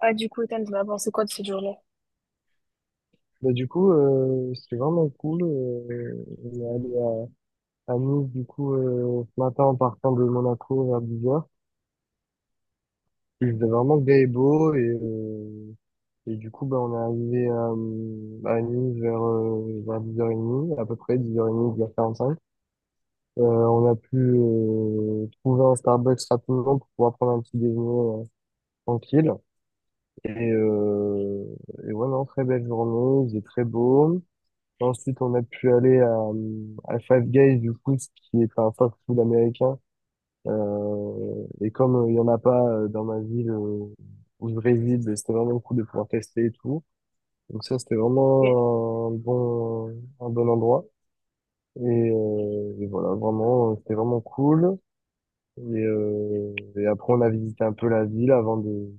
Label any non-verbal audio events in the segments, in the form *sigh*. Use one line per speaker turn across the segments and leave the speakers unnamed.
Ah, du coup, Ethan, t'en as pensé quoi de cette journée?
Mais du coup, c'était vraiment cool. On est allé à Nice, du coup, ce matin en partant de Monaco vers 10h. Il faisait vraiment gai et beau. Et du coup, ben, on est arrivé à Nice vers 10h30, à peu près 10h30, 10h45. On a pu trouver un Starbucks rapidement pour pouvoir prendre un petit déjeuner tranquille. Et, euh, et ouais, non, très belle journée, il faisait très beau. Ensuite, on a pu aller à Five Guys, du coup, ce qui est un fast-food américain. Et comme il y en a pas dans ma ville où je réside, ben, c'était vraiment cool de pouvoir tester et tout. Donc ça, c'était
Ok,
vraiment un bon endroit. Et, et voilà, vraiment, c'était vraiment cool. Et après, on a visité un peu la ville avant de,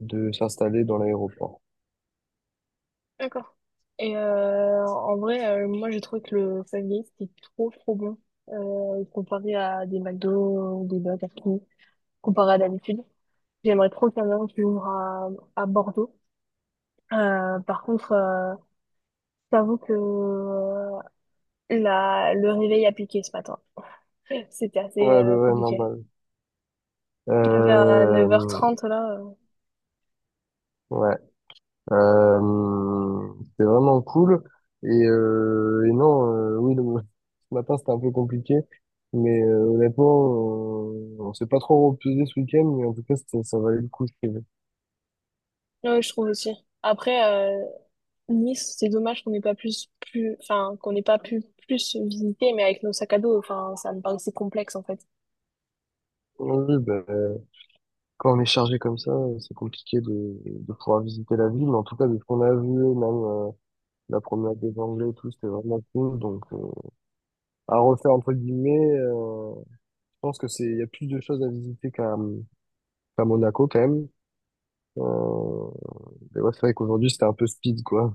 de s'installer dans l'aéroport.
d'accord. Et en vrai, moi, j'ai trouvé que le Five Guys, c'était trop, trop bon. Comparé à des McDo, ou des Burger King, comparé à d'habitude. J'aimerais trop qu'il y en ait un qui ouvre à Bordeaux. Par contre, j'avoue que le réveil a piqué ce matin. C'était assez
Ouais, bah ouais,
compliqué.
normal.
Je me levais à neuf heures
Euh,
trente là.
ouais, c'était vraiment cool. Et non, oui, *laughs* ce matin c'était un peu compliqué, mais honnêtement, on s'est pas trop reposé ce week-end, mais en tout cas, ça valait le coup. Je trouve.
Ouais, je trouve aussi. Après, Nice, c'est dommage qu'on n'ait pas plus, plus, enfin, qu'on n'ait pas pu plus visiter, mais avec nos sacs à dos, enfin, ça me paraissait complexe, en fait.
Oui, ben, quand on est chargé comme ça, c'est compliqué de pouvoir visiter la ville. Mais en tout cas, de ce qu'on a vu, même la promenade des Anglais et tout, c'était vraiment cool. Donc, à refaire, entre guillemets, je pense que c'est, il y a plus de choses à visiter qu'à Monaco, quand même. Euh, mais ouais, c'est vrai qu'aujourd'hui, c'était un peu speed, quoi.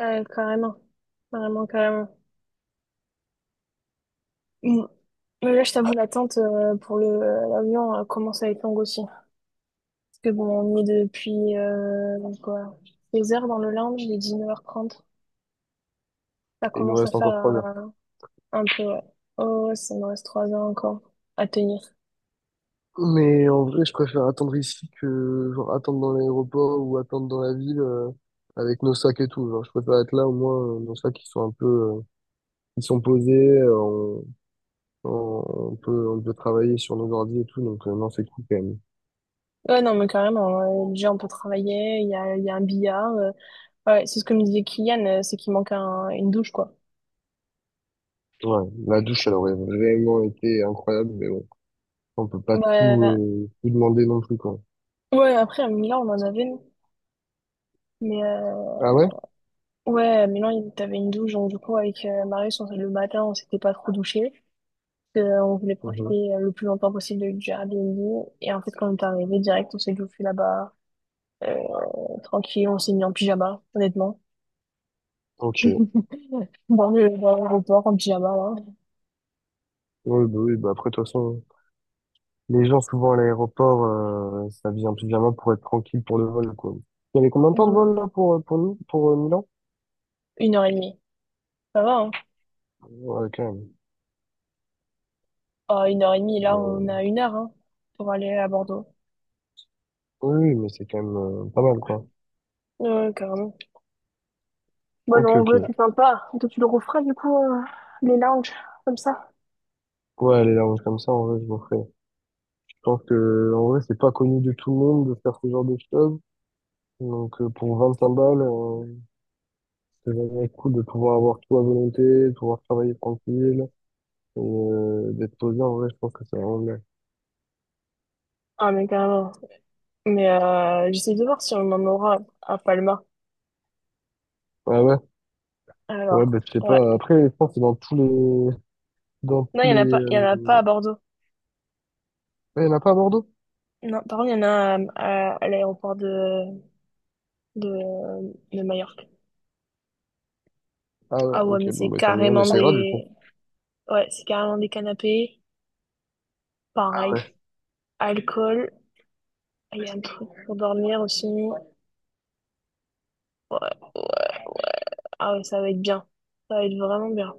Carrément. Carrément, carrément. Mm. Mais là, je t'avoue, l'attente pour l'avion commence à être longue aussi. Parce que bon, on est depuis, quoi, 16 heures dans le lounge, il est 9h30. Ça
Et il nous
commence à
reste
faire
encore 3 heures.
un peu, ouais. Oh, ouais, ça me reste 3 heures encore à tenir.
Mais en vrai, je préfère attendre ici que genre, attendre dans l'aéroport ou attendre dans la ville avec nos sacs et tout. Genre, je préfère être là au moins nos sacs ils sont un peu ils sont posés, euh, on, on peut travailler sur nos ordi et tout, donc non c'est cool quand même.
Ouais, non, mais carrément. Déjà, on peut travailler, il y a un billard. Ouais, c'est ce que me disait Kylian, c'est qu'il manque une douche, quoi.
Ouais, la douche elle aurait vraiment été incroyable, mais bon, on peut pas tout,
Bah,
tout demander non plus quoi.
ouais, après, à Milan, on en avait, nous. Mais
Ah ouais?
ouais, à Milan, t'avais une douche, donc du coup, avec Marius, on, le matin, on s'était pas trop douché. Parce on voulait
Mhm.
profiter le plus longtemps possible du Airbnb. Et en fait, quand on est arrivé, direct, on s'est douché là-bas, euh, tranquille, on s'est mis en pyjama, honnêtement.
Ok.
Dans l'aéroport, en pyjama, là.
Ouais, bah oui, bah après de toute façon. Les gens, souvent à l'aéroport, ça vient plus vraiment pour être tranquille pour le vol, quoi. Il y avait combien de temps de
Euh,
vol, là, pour nous, pour Milan?
Une heure et demie. Ça va, hein?
Ouais, quand même.
Ah, une heure et demie, là, on a
Mais-
une heure hein, pour aller à Bordeaux.
Oui, oui, mais c'est quand même pas mal, quoi.
Ouais, carrément. Bon,
Ok,
non, en
ok.
vrai, c'est sympa. Toi, tu le referas, du coup, les lounges, comme ça.
Ouais, aller là comme ça, en vrai, je m'en ferais. Je pense que, en vrai, c'est pas connu de tout le monde de faire ce genre de choses. Donc, pour 25 balles, c'est vraiment cool de pouvoir avoir tout à volonté, de pouvoir travailler tranquille, et d'être posé, en vrai, je pense que c'est vraiment bien.
Ah, mais carrément. Mais j'essaie de voir si on en aura à Palma.
Ouais, ouais. Ouais,
Alors,
bah, je sais
ouais.
pas. Après, je pense que c'est dans tous les, Dans
Non,
tous
il
les...
n'y en a pas, il y en
euh,
a pas à Bordeaux.
ah, il n'y en a pas à Bordeaux?
Non, par contre, il y en a à l'aéroport de, de Majorque.
Ah ouais,
Ah ouais, mais
ok, bon,
c'est
bah, tant mieux, on
carrément
essaiera du coup.
des... Ouais, c'est carrément des canapés.
Ah
Pareil.
ouais.
Alcool. Il y a un truc pour dormir aussi. Ouais, ouais. Ah ouais, ça va être bien. Ça va être vraiment bien.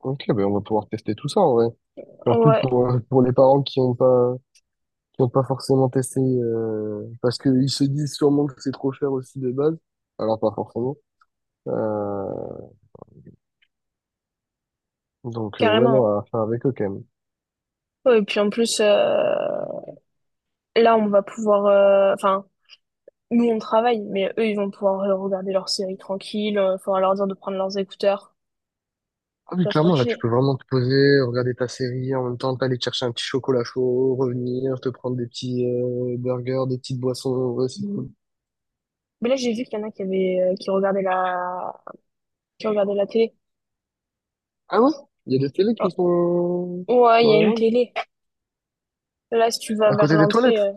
Ok, ben on va pouvoir tester tout ça en vrai. En plus,
Ouais,
pour les parents qui ont pas forcément testé, parce qu'ils se disent sûrement que c'est trop cher aussi de base, alors pas forcément. Euh, donc ouais, non,
carrément.
à faire avec eux quand même.
Ouais, et puis en plus, là, on va pouvoir, enfin, nous, on travaille, mais eux, ils vont pouvoir regarder leur série tranquille. Il faudra leur dire de prendre leurs écouteurs.
Ah oui,
Ça,
clairement, là, tu
tranquille.
peux vraiment te poser, regarder ta série, en même temps, t'aller chercher un petit chocolat chaud, revenir, te prendre des petits burgers, des petites boissons. Ouais, c'est cool.
Mais là, j'ai vu qu'il y en a qui avaient... qui regardaient la télé.
Ah ouais? Il y a des télés qui
Oh,
sont
ouais, il
dans
y a
le
une
lounge?
télé. Là, si tu vas
À
vers
côté des
l'entrée,
toilettes?
euh,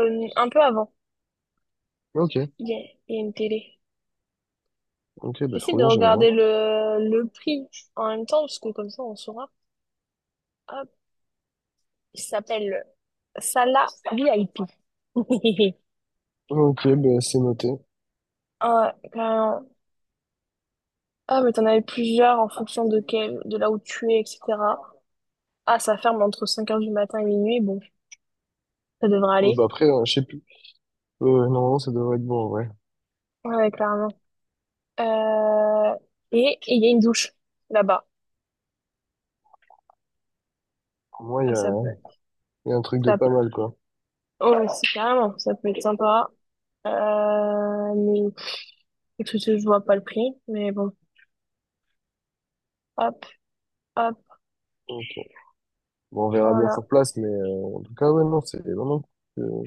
euh, un peu avant,
Ok,
il y a, il y a une télé.
ok, bah
Essaye
trop
de
bien, j'irai voir.
regarder le prix en même temps, parce que comme ça, on saura. Hop, il s'appelle. Celle-là, oui,
Ok, bah c'est noté.
un- un- ah, mais t'en avais plusieurs en fonction de quel, de là où tu es, etc. Ah, ça ferme entre cinq heures du matin et minuit, bon, ça devrait aller.
Bah après, je sais plus. Normalement, ça devrait être bon, ouais.
Ouais, clairement. Euh, et il y a une douche là-bas.
Pour moi,
Ah, ça peut,
il y a un truc de
ça
pas
peut,
mal, quoi.
oh, c'est carrément, ça peut être sympa. Mais écoute, je vois pas le prix, mais bon, hop, hop,
Donc, bon, on verra bien
voilà.
sur place, mais en tout cas, ouais, non, c'est vraiment cool.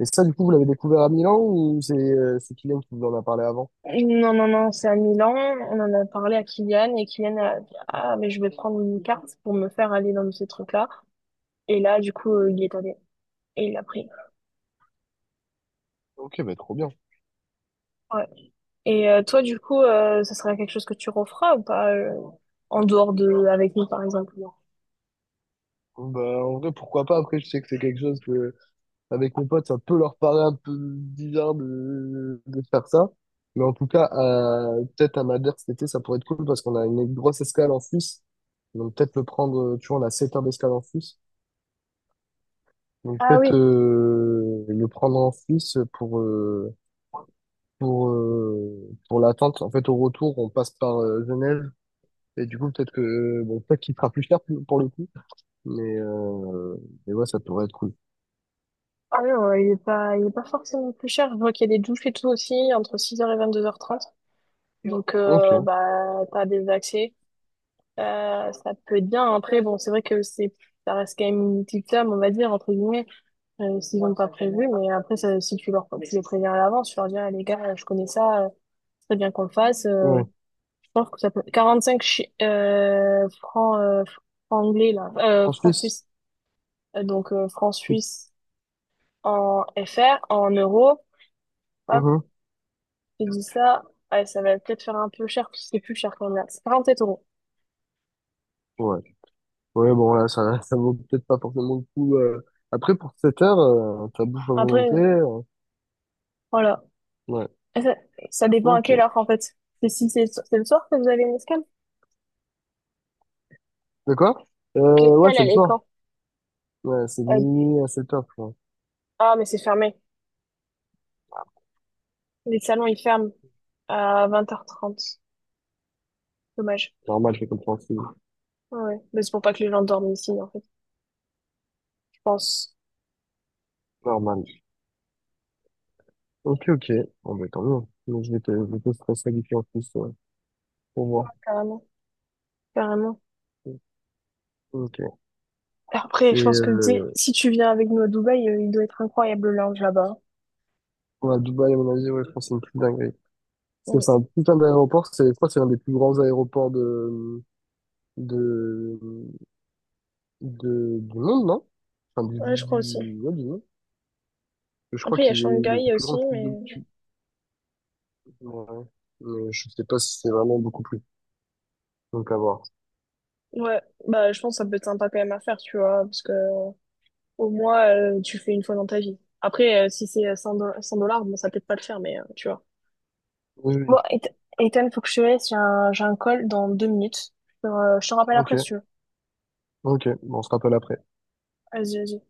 Et ça, du coup, vous l'avez découvert à Milan ou c'est Kylian qui vous en a parlé avant?
Non, non, non, c'est à Milan. On en a parlé à Kylian et Kylian a dit, Ah, mais je vais prendre une carte pour me faire aller dans ces trucs-là. Et là, du coup, il est allé et il l'a pris.
Ok, bah trop bien.
Ouais. Et toi, du coup, ça serait quelque chose que tu referas ou pas en dehors de avec nous, par exemple?
Bah en vrai, pourquoi pas? Après, je sais que c'est quelque chose que avec mes potes, ça peut leur paraître un peu bizarre de faire ça. Mais en tout cas, peut-être à Madère cet été, ça pourrait être cool parce qu'on a une grosse escale en Suisse. Donc peut-être le prendre, tu vois, on a 7 heures d'escale en Suisse. Donc
Ah
peut-être
oui,
le prendre en Suisse pour l'attente. En fait, au retour, on passe par Genève. Et du coup, peut-être que, bon, peut-être qu'il sera plus cher pour le coup. Mais, euh, mais ouais, ça pourrait être cool.
ah non, il est pas forcément plus cher. Je vois qu'il y a des douches et tout aussi entre six heures et 22h30. Donc,
Ok,
bah, t'as des accès. Ça peut être bien. Après, bon, c'est vrai que c'est, ça reste quand même une petite lame, on va dire, entre guillemets, s'ils n'ont pas prévu. Mais après, ça, si tu les préviens à l'avance, tu leur dis, Ah, les gars, je connais ça, c'est très bien qu'on le fasse.
ouais.
Je pense que ça peut. 45 francs anglais, là.
En
Francs
Suisse,
suisses. Donc, francs
c'est.
suisses en FR, en euros. Hop,
Mhm.
tu dis ça. Ouais, ça va peut-être faire un peu cher, parce que c'est plus cher quand même, là. C'est 47 euros.
Ouais. Ouais, bon, là, ça, *laughs* ça vaut peut-être pas forcément le coup. Après, pour 7 heures, t'as bouffe à
Après,
volonté.
voilà.
Ouais,
Et ça dépend à
ok.
quelle heure, en fait. C'est si c'est le soir que vous avez une escale?
De quoi? Ouais,
L'escale,
c'est le
elle est
soir.
quand?
Ouais, c'est de
Euh,
minuit à 7 heures, quoi.
ah, mais c'est fermé. Les salons, ils ferment à 20h30. Dommage.
Normal, c'est compréhensible.
Ouais, ouais. Mais c'est pour pas que les gens dorment ici, en fait. Je pense.
Normal. Ok, ok. Bon, bah, tant mieux. Donc, je vais te stresser avec lui en plus, ouais, pour voir.
Carrément. Carrément.
Ok.
Après,
Et,
je pense que tu sais, si tu viens avec nous à Dubaï, il doit être incroyable le lounge là-bas.
ouais, Dubaï, à mon avis, ouais, je pense que c'est une petite dinguerie. Parce que
Mm.
c'est un putain d'aéroport, c'est, je crois que c'est l'un des plus grands aéroports de, du monde, non? Enfin,
Ouais, je crois aussi.
ouais, du monde. Je crois
Après, il y a
qu'il est
Shanghai
plus
aussi,
grand que le
mais
double. Ouais. Mais je sais pas si c'est vraiment beaucoup plus. Donc à voir.
ouais, bah je pense que ça peut être sympa quand même à faire, tu vois, parce que au moins tu fais une fois dans ta vie. Après, si c'est 100 dollars, 100 dollars, bon, ça peut-être pas le faire, mais tu vois.
Oui,
Bon,
oui.
Ethan, Ethan, faut que je te laisse, j'ai un call dans deux minutes. Je te rappelle
Ok,
après si tu veux.
ok. Bon, on se rappelle après.
Vas-y, vas-y.